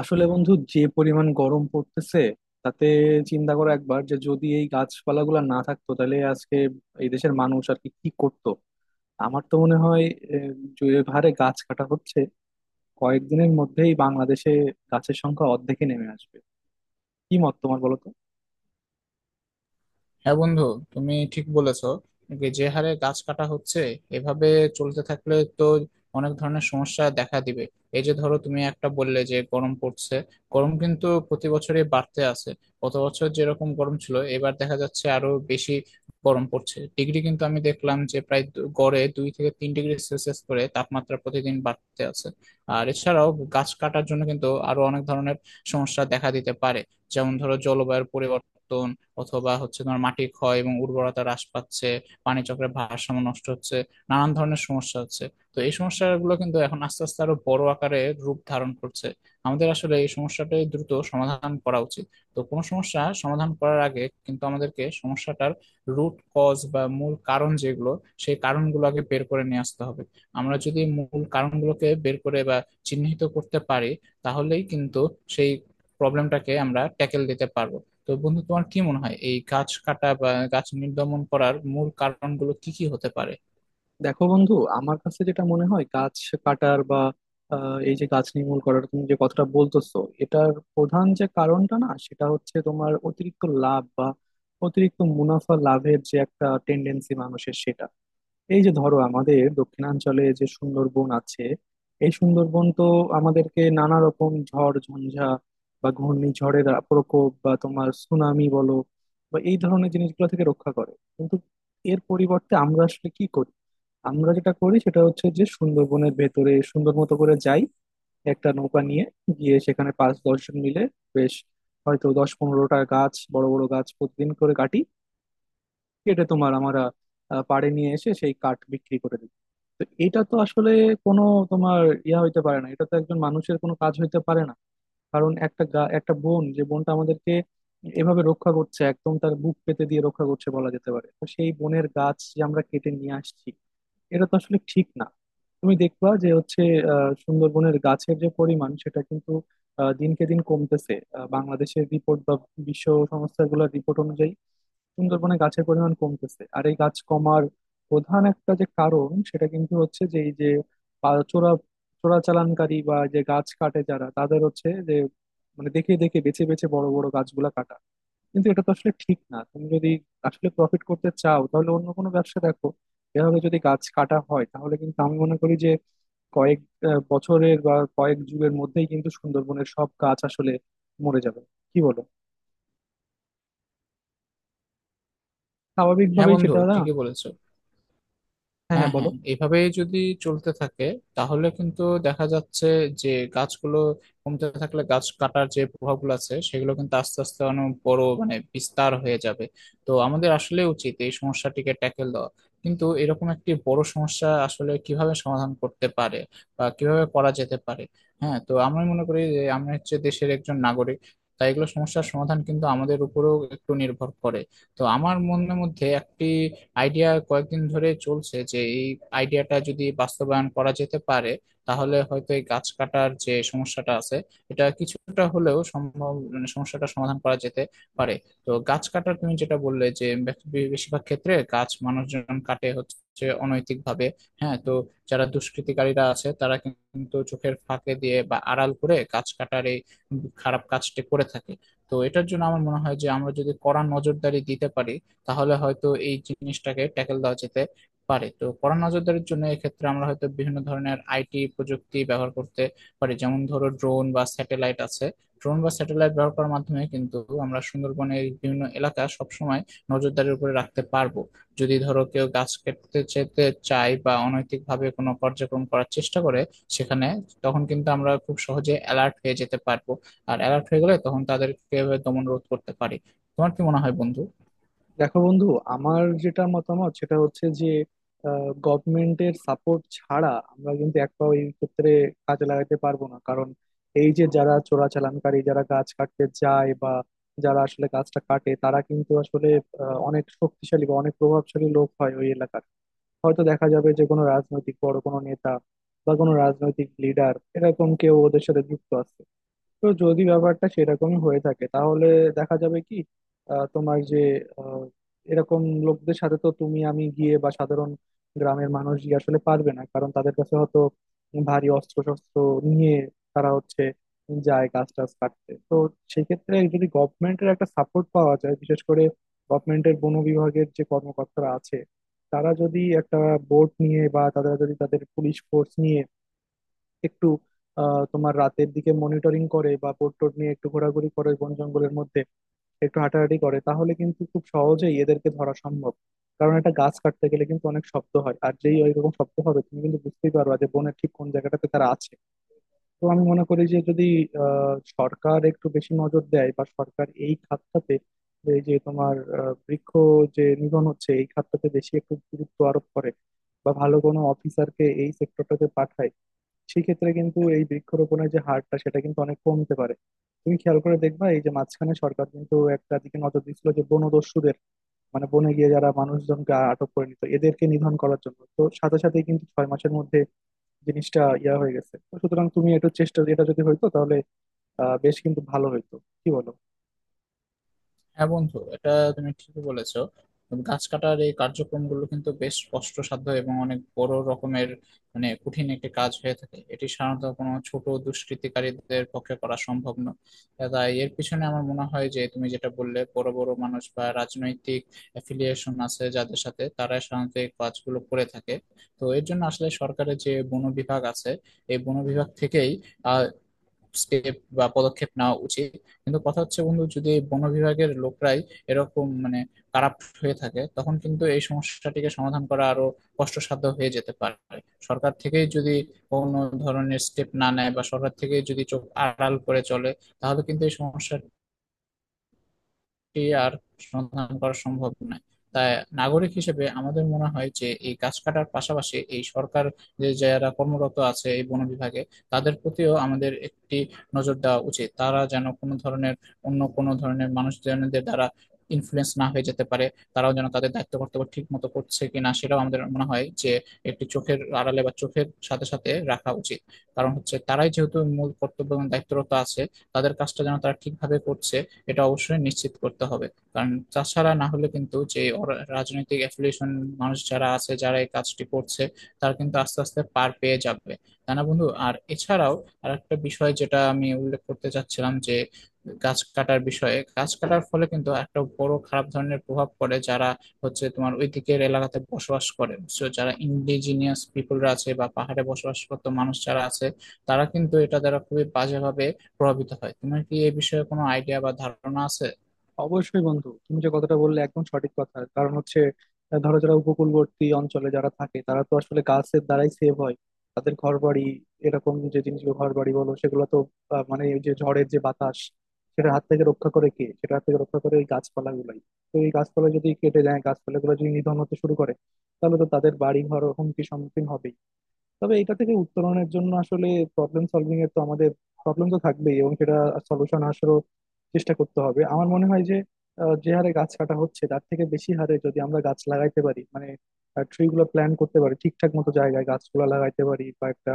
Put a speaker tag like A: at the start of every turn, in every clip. A: আসলে বন্ধু, যে পরিমাণ গরম পড়তেছে তাতে চিন্তা করো একবার যে যদি এই গাছপালাগুলো না থাকতো তাহলে আজকে এই দেশের মানুষ আর কি কি করতো। আমার তো মনে হয় আহ, যে হারে গাছ কাটা হচ্ছে, কয়েকদিনের মধ্যেই বাংলাদেশে গাছের সংখ্যা অর্ধেকে নেমে আসবে। কি মত তোমার, বলো তো।
B: হ্যাঁ বন্ধু, তুমি ঠিক বলেছো। যে যে হারে গাছ কাটা হচ্ছে, এভাবে চলতে থাকলে তো অনেক ধরনের সমস্যা দেখা দিবে। এই যে ধরো, তুমি একটা বললে যে গরম পড়ছে। গরম কিন্তু প্রতি বছরই বাড়তে আছে। গত বছর যেরকম গরম ছিল, এবার দেখা যাচ্ছে আরো বেশি গরম পড়ছে। ডিগ্রি কিন্তু আমি দেখলাম যে প্রায় গড়ে 2 থেকে 3 ডিগ্রি সেলসিয়াস করে তাপমাত্রা প্রতিদিন বাড়তে আছে। আর এছাড়াও গাছ কাটার জন্য কিন্তু আরো অনেক ধরনের সমস্যা দেখা দিতে পারে। যেমন ধরো, জলবায়ুর পরিবর্তন, অথবা হচ্ছে তোমার মাটি ক্ষয় এবং উর্বরতা হ্রাস পাচ্ছে, পানি চক্রের ভারসাম্য নষ্ট হচ্ছে, নানান ধরনের সমস্যা হচ্ছে। তো এই সমস্যাগুলো কিন্তু এখন আস্তে আস্তে আরো বড় আকারে রূপ ধারণ করছে। আমাদের আসলে এই সমস্যাটা দ্রুত সমাধান করা উচিত। তো কোনো সমস্যা সমাধান করার আগে কিন্তু আমাদেরকে সমস্যাটার রুট কজ বা মূল কারণ যেগুলো, সেই কারণগুলো আগে বের করে নিয়ে আসতে হবে। আমরা যদি মূল কারণগুলোকে বের করে বা চিহ্নিত করতে পারি, তাহলেই কিন্তু সেই প্রবলেমটাকে আমরা ট্যাকেল দিতে পারবো। তো বন্ধু, তোমার কি মনে হয় এই গাছ কাটা বা গাছ নির্গমন করার মূল কারণগুলো কি কি হতে পারে?
A: দেখো বন্ধু, আমার কাছে যেটা মনে হয়, গাছ কাটার বা এই যে গাছ নির্মূল করার তুমি যে কথাটা বলতেছো, এটার প্রধান যে কারণটা, না, সেটা হচ্ছে তোমার অতিরিক্ত লাভ বা অতিরিক্ত মুনাফা লাভের যে একটা টেন্ডেন্সি মানুষের, সেটা। এই যে ধরো, আমাদের দক্ষিণাঞ্চলে যে সুন্দরবন আছে, এই সুন্দরবন তো আমাদেরকে নানা রকম ঝড় ঝঞ্ঝা বা ঘূর্ণিঝড়ের প্রকোপ বা তোমার সুনামি বলো বা এই ধরনের জিনিসগুলো থেকে রক্ষা করে, কিন্তু এর পরিবর্তে আমরা আসলে কি করি? আমরা যেটা করি সেটা হচ্ছে যে, সুন্দরবনের ভেতরে সুন্দর মতো করে যাই একটা নৌকা নিয়ে, গিয়ে সেখানে পাঁচ দশজন মিলে বেশ, হয়তো দশ পনেরোটা গাছ, বড় বড় গাছ প্রতিদিন করে কাটি। কেটে তোমার আমরা পাড়ে নিয়ে এসে সেই কাঠ বিক্রি করে দিই। তো এটা তো আসলে কোনো তোমার ইয়া হইতে পারে না, এটা তো একজন মানুষের কোনো কাজ হইতে পারে না। কারণ একটা একটা বোন, যে বোনটা আমাদেরকে এভাবে রক্ষা করছে, একদম তার বুক পেতে দিয়ে রক্ষা করছে বলা যেতে পারে, তো সেই বোনের গাছ যে আমরা কেটে নিয়ে আসছি, এটা তো আসলে ঠিক না। তুমি দেখবা যে হচ্ছে, সুন্দরবনের গাছের যে পরিমাণ, সেটা কিন্তু দিনকে দিন কমতেছে। বাংলাদেশের রিপোর্ট বা বিশ্ব সংস্থাগুলোর রিপোর্ট অনুযায়ী, সুন্দরবনে গাছের পরিমাণ কমতেছে। আর এই গাছ কমার প্রধান একটা যে কারণ, সেটা কিন্তু হচ্ছে যে এই যে চোরা, চোরাচালানকারী বা যে গাছ কাটে যারা, তাদের হচ্ছে যে, মানে দেখে দেখে, বেছে বেছে বড় বড় গাছগুলা কাটা। কিন্তু এটা তো আসলে ঠিক না। তুমি যদি আসলে প্রফিট করতে চাও, তাহলে অন্য কোনো ব্যবসা দেখো। এভাবে যদি গাছ কাটা হয় তাহলে কিন্তু আমি মনে করি যে কয়েক বছরের বা কয়েক যুগের মধ্যেই কিন্তু সুন্দরবনের সব গাছ আসলে মরে যাবে। কি বলো,
B: হ্যাঁ
A: স্বাভাবিকভাবেই
B: বন্ধু,
A: সেটা, না?
B: ঠিকই বলেছো।
A: হ্যাঁ হ্যাঁ,
B: হ্যাঁ হ্যাঁ,
A: বলো।
B: এভাবে যদি চলতে থাকে তাহলে কিন্তু দেখা যাচ্ছে যে গাছগুলো কমতে থাকলে গাছ কাটার যে প্রভাবগুলো আছে, সেগুলো কিন্তু আস্তে আস্তে অনেক বড় মানে বিস্তার হয়ে যাবে। তো আমাদের আসলে উচিত এই সমস্যাটিকে ট্যাকেল দেওয়া। কিন্তু এরকম একটি বড় সমস্যা আসলে কিভাবে সমাধান করতে পারে বা কিভাবে করা যেতে পারে? হ্যাঁ, তো আমি মনে করি যে আমি হচ্ছে দেশের একজন নাগরিক, তাই এগুলো সমস্যার সমাধান কিন্তু আমাদের উপরেও একটু নির্ভর করে। তো আমার মনের মধ্যে একটি আইডিয়া কয়েকদিন ধরে চলছে যে এই আইডিয়াটা যদি বাস্তবায়ন করা যেতে পারে, তাহলে হয়তো এই গাছ কাটার যে সমস্যাটা আছে, এটা কিছুটা হলেও সম্ভব মানে সমস্যাটা সমাধান করা যেতে পারে। তো গাছ কাটার তুমি যেটা বললে যে বেশিরভাগ ক্ষেত্রে গাছ মানুষজন কাটে হচ্ছে অনৈতিক ভাবে। হ্যাঁ, তো যারা দুষ্কৃতিকারীরা আছে তারা কিন্তু চোখের ফাঁকে দিয়ে বা আড়াল করে গাছ কাটার এই খারাপ কাজটি করে থাকে। তো এটার জন্য আমার মনে হয় যে আমরা যদি কড়া নজরদারি দিতে পারি, তাহলে হয়তো এই জিনিসটাকে ট্যাকেল দেওয়া যেতে পারে। তো কড়া নজরদারির জন্য এক্ষেত্রে আমরা হয়তো বিভিন্ন ধরনের আইটি প্রযুক্তি ব্যবহার করতে পারি। যেমন ধরো, ড্রোন বা স্যাটেলাইট আছে। ড্রোন বা স্যাটেলাইট ব্যবহার করার মাধ্যমে কিন্তু আমরা সুন্দরবনের বিভিন্ন এলাকা সবসময় নজরদারির উপরে রাখতে পারবো। যদি ধরো কেউ গাছ কেটে যেতে চায় বা অনৈতিকভাবে কোনো কার্যক্রম করার চেষ্টা করে সেখানে, তখন কিন্তু আমরা খুব সহজে অ্যালার্ট হয়ে যেতে পারবো। আর অ্যালার্ট হয়ে গেলে তখন তাদেরকে দমন রোধ করতে পারি। তোমার কি মনে হয় বন্ধু?
A: দেখো বন্ধু, আমার যেটা মতামত সেটা হচ্ছে যে, গভর্নমেন্টের সাপোর্ট ছাড়া আমরা কিন্তু এক পাও এই ক্ষেত্রে কাজে লাগাতে পারবো না। কারণ এই যে যারা চোরাচালানকারী, যারা গাছ কাটতে যায় বা যারা আসলে গাছটা কাটে, তারা কিন্তু আসলে অনেক শক্তিশালী বা অনেক প্রভাবশালী লোক হয় ওই এলাকার। হয়তো দেখা যাবে যে কোনো রাজনৈতিক বড় কোনো নেতা বা কোনো রাজনৈতিক লিডার, এরকম কেউ ওদের সাথে যুক্ত আছে। তো যদি ব্যাপারটা সেরকমই হয়ে থাকে, তাহলে দেখা যাবে কি, তোমার যে আহ, এরকম লোকদের সাথে তো তুমি আমি গিয়ে বা সাধারণ গ্রামের মানুষ গিয়ে আসলে পারবে না। কারণ তাদের কাছে হয়তো ভারী অস্ত্র শস্ত্র নিয়ে তারা হচ্ছে যায় গাছ টাছ কাটতে। তো সেক্ষেত্রে যদি গভর্নমেন্টের একটা সাপোর্ট পাওয়া যায়, বিশেষ করে গভর্নমেন্টের বন বিভাগের যে কর্মকর্তারা আছে, তারা যদি একটা বোট নিয়ে বা তারা যদি তাদের পুলিশ ফোর্স নিয়ে একটু তোমার রাতের দিকে মনিটরিং করে বা বোট টোট নিয়ে একটু ঘোরাঘুরি করে বন জঙ্গলের মধ্যে একটু হাঁটাহাঁটি করে, তাহলে কিন্তু খুব সহজেই এদেরকে ধরা সম্ভব। কারণ একটা গাছ কাটতে গেলে কিন্তু অনেক শব্দ হয়, আর যেই ওইরকম শব্দ হবে তুমি কিন্তু বুঝতেই পারবা যে বনের ঠিক কোন জায়গাটাতে তারা আছে। তো আমি মনে করি যে যদি সরকার একটু বেশি নজর দেয় বা সরকার এই খাতটাতে, এই যে তোমার বৃক্ষ যে নিধন হচ্ছে এই খাতটাতে বেশি একটু গুরুত্ব আরোপ করে বা ভালো কোনো অফিসারকে এই সেক্টরটাতে পাঠায়, সেক্ষেত্রে কিন্তু এই বৃক্ষরোপণের যে হারটা, সেটা কিন্তু অনেক কমতে পারে। তুমি খেয়াল করে দেখবা, এই যে মাঝখানে সরকার কিন্তু একটা দিকে নজর দিচ্ছিল, যে বনদস্যুদের, মানে বনে গিয়ে যারা মানুষজনকে আটক করে নিত, এদেরকে নিধন করার জন্য, তো সাথে সাথে কিন্তু ছয় মাসের মধ্যে জিনিসটা ইয়া হয়ে গেছে। তো সুতরাং তুমি একটু চেষ্টা, এটা যদি হইতো তাহলে বেশ কিন্তু ভালো হইতো। কি বলো?
B: হ্যাঁ বন্ধু, এটা তুমি ঠিকই বলেছো। গাছ কাটার এই কার্যক্রমগুলো কিন্তু বেশ কষ্টসাধ্য এবং অনেক বড় রকমের মানে কঠিন একটি কাজ হয়ে থাকে। এটি সাধারণত কোনো ছোট দুষ্কৃতিকারীদের পক্ষে করা সম্ভব না। তাই এর পিছনে আমার মনে হয় যে, তুমি যেটা বললে, বড় বড় মানুষ বা রাজনৈতিক অ্যাফিলিয়েশন আছে যাদের সাথে, তারা সাধারণত এই কাজগুলো করে থাকে। তো এর জন্য আসলে সরকারের যে বন বিভাগ আছে, এই বন বিভাগ থেকেই আহ স্টেপ বা পদক্ষেপ নেওয়া উচিত। কিন্তু কথা হচ্ছে বন্ধু, যদি বন বিভাগের লোকরাই এরকম মানে কারাপ্ট হয়ে থাকে, তখন কিন্তু এই সমস্যাটিকে সমাধান করা আরো কষ্টসাধ্য হয়ে যেতে পারে। সরকার থেকেই যদি কোনো ধরনের স্টেপ না নেয় বা সরকার থেকে যদি চোখ আড়াল করে চলে, তাহলে কিন্তু এই সমস্যা আর সন্ধান করা সম্ভব নয়। তাই নাগরিক হিসেবে আমাদের মনে হয় যে এই গাছ কাটার পাশাপাশি এই সরকার, যে যারা কর্মরত আছে এই বন বিভাগে, তাদের প্রতিও আমাদের একটি নজর দেওয়া উচিত। তারা যেন কোনো ধরনের, অন্য কোনো ধরনের মানুষজনদের দ্বারা ইনফ্লুয়েন্স না হয়ে যেতে পারে। তারাও যেন তাদের দায়িত্ব কর্তব্য ঠিক মতো করছে কিনা, সেটাও আমাদের মনে হয় যে একটি চোখের আড়ালে বা চোখের সাথে সাথে রাখা উচিত। কারণ হচ্ছে তারাই যেহেতু মূল কর্তব্য এবং দায়িত্বরত আছে, তাদের কাজটা যেন তারা ঠিকভাবে করছে এটা অবশ্যই নিশ্চিত করতে হবে। কারণ তাছাড়া না হলে কিন্তু যে রাজনৈতিক অ্যাফিলিয়েশন মানুষ যারা আছে, যারা এই কাজটি করছে, তারা কিন্তু আস্তে আস্তে পার পেয়ে যাবে। তাই না বন্ধু? আর এছাড়াও, আর একটা বিষয় যেটা আমি উল্লেখ করতে চাচ্ছিলাম যে গাছ কাটার বিষয়ে, গাছ কাটার ফলে কিন্তু একটা বড় খারাপ ধরনের প্রভাব পড়ে যারা হচ্ছে তোমার ওই দিকের এলাকাতে বসবাস করে। So, যারা ইন্ডিজিনিয়াস পিপলরা আছে বা পাহাড়ে বসবাস করতো মানুষ যারা আছে, তারা কিন্তু এটা দ্বারা খুবই বাজেভাবে প্রভাবিত হয়। তোমার কি এ বিষয়ে কোনো আইডিয়া বা ধারণা আছে?
A: অবশ্যই বন্ধু, তুমি যে কথাটা বললে একদম সঠিক কথা। কারণ হচ্ছে, ধরো যারা উপকূলবর্তী অঞ্চলে যারা থাকে, তারা তো আসলে গাছের দ্বারাই সেভ হয়। তাদের ঘর বাড়ি, এরকম যে জিনিসগুলো, ঘর বাড়ি বলো, সেগুলো তো মানে ওই যে ঝড়ের যে বাতাস, সেটার হাত থেকে রক্ষা করে কে? সেটার হাত থেকে রক্ষা করে এই গাছপালা গুলাই। তো এই গাছপালা যদি কেটে যায়, গাছপালা গুলো যদি নিধন হতে শুরু করে, তাহলে তো তাদের বাড়ি ঘর হুমকির সম্মুখীন হবে। তবে এটা থেকে উত্তরণের জন্য আসলে প্রবলেম সলভিং এর, তো আমাদের প্রবলেম তো থাকবেই, এবং সেটা সলিউশন আসারও চেষ্টা করতে হবে। আমার মনে হয় যে যে হারে গাছ কাটা হচ্ছে, তার থেকে বেশি হারে যদি আমরা গাছ লাগাইতে পারি, মানে ট্রি গুলো প্ল্যান করতে পারি, ঠিকঠাক মতো জায়গায় গাছগুলো লাগাইতে পারি বা একটা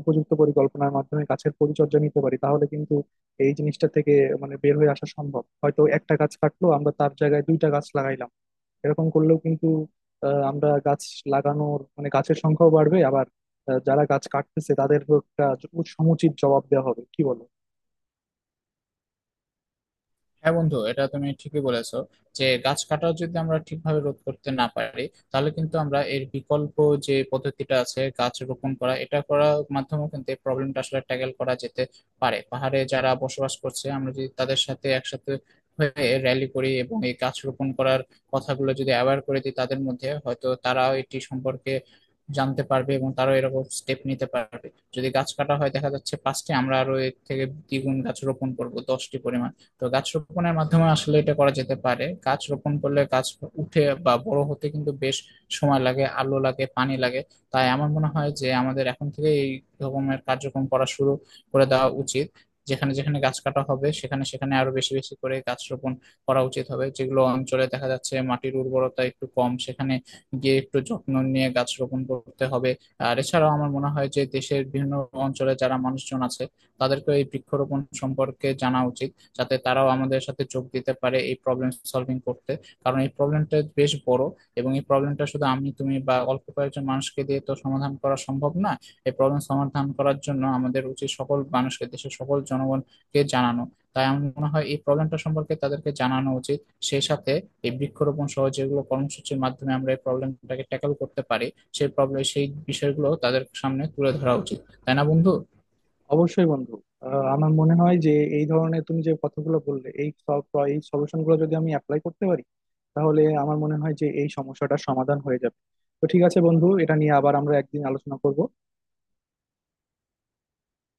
A: উপযুক্ত পরিকল্পনার মাধ্যমে গাছের পরিচর্যা নিতে পারি, তাহলে কিন্তু এই জিনিসটা থেকে মানে বের হয়ে আসা সম্ভব। হয়তো একটা গাছ কাটলো, আমরা তার জায়গায় দুইটা গাছ লাগাইলাম, এরকম করলেও কিন্তু আমরা গাছ লাগানোর মানে গাছের সংখ্যাও বাড়বে। আবার যারা গাছ কাটতেছে তাদেরও একটা সমুচিত জবাব দেওয়া হবে। কি বলো?
B: হ্যাঁ বন্ধু, এটা তুমি ঠিকই বলেছো। যে গাছ কাটা যদি আমরা ঠিকভাবে রোধ করতে না পারি, তাহলে কিন্তু আমরা এর বিকল্প যে পদ্ধতিটা আছে গাছ রোপণ করা, এটা করার মাধ্যমে কিন্তু এই প্রবলেমটা আসলে ট্যাকেল করা যেতে পারে। পাহাড়ে যারা বসবাস করছে আমরা যদি তাদের সাথে একসাথে হয়ে র্যালি করি এবং এই গাছ রোপণ করার কথাগুলো যদি অ্যাওয়্যার করে দিই তাদের মধ্যে, হয়তো তারাও এটি সম্পর্কে জানতে পারবে এবং তারাও এরকম স্টেপ নিতে পারবে। যদি গাছ কাটা হয় দেখা যাচ্ছে পাঁচটি, আমরা আরো এর থেকে দ্বিগুণ গাছ রোপণ করব 10টি পরিমাণ। তো গাছ রোপণের মাধ্যমে আসলে এটা করা যেতে পারে। গাছ রোপণ করলে গাছ উঠে বা বড় হতে কিন্তু বেশ সময় লাগে, আলো লাগে, পানি লাগে। তাই আমার মনে হয় যে আমাদের এখন থেকে এই রকমের কার্যক্রম করা শুরু করে দেওয়া উচিত। যেখানে যেখানে গাছ কাটা হবে, সেখানে সেখানে আরো বেশি বেশি করে গাছ রোপণ করা উচিত হবে। যেগুলো অঞ্চলে দেখা যাচ্ছে মাটির উর্বরতা একটু কম, সেখানে গিয়ে একটু যত্ন নিয়ে গাছ রোপণ করতে হবে। আর এছাড়াও আমার মনে হয় যে দেশের বিভিন্ন অঞ্চলে যারা মানুষজন আছে, তাদেরকে এই বৃক্ষরোপণ সম্পর্কে জানা উচিত, যাতে তারাও আমাদের সাথে যোগ দিতে পারে এই প্রবলেম সলভিং করতে। কারণ এই প্রবলেমটা বেশ বড়, এবং এই প্রবলেমটা শুধু আমি তুমি বা অল্প কয়েকজন মানুষকে দিয়ে তো সমাধান করা সম্ভব না। এই প্রবলেম সমাধান করার জন্য আমাদের উচিত সকল মানুষকে, দেশের সকল জনগণকে জানানো। তাই আমার মনে হয় এই প্রবলেমটা সম্পর্কে তাদেরকে জানানো উচিত। সেই সাথে এই বৃক্ষরোপণ সহ যেগুলো কর্মসূচির মাধ্যমে আমরা এই প্রবলেমটাকে ট্যাকল করতে পারি, সেই প্রবলেম, সেই বিষয়গুলো তাদের সামনে তুলে ধরা উচিত। তাই না বন্ধু?
A: অবশ্যই বন্ধু, আমার মনে হয় যে এই ধরনের তুমি যে কথাগুলো বললে, এই সব এই সলিউশন গুলো যদি আমি অ্যাপ্লাই করতে পারি, তাহলে আমার মনে হয় যে এই সমস্যাটার সমাধান হয়ে যাবে। তো ঠিক আছে বন্ধু, এটা নিয়ে আবার আমরা একদিন আলোচনা করব।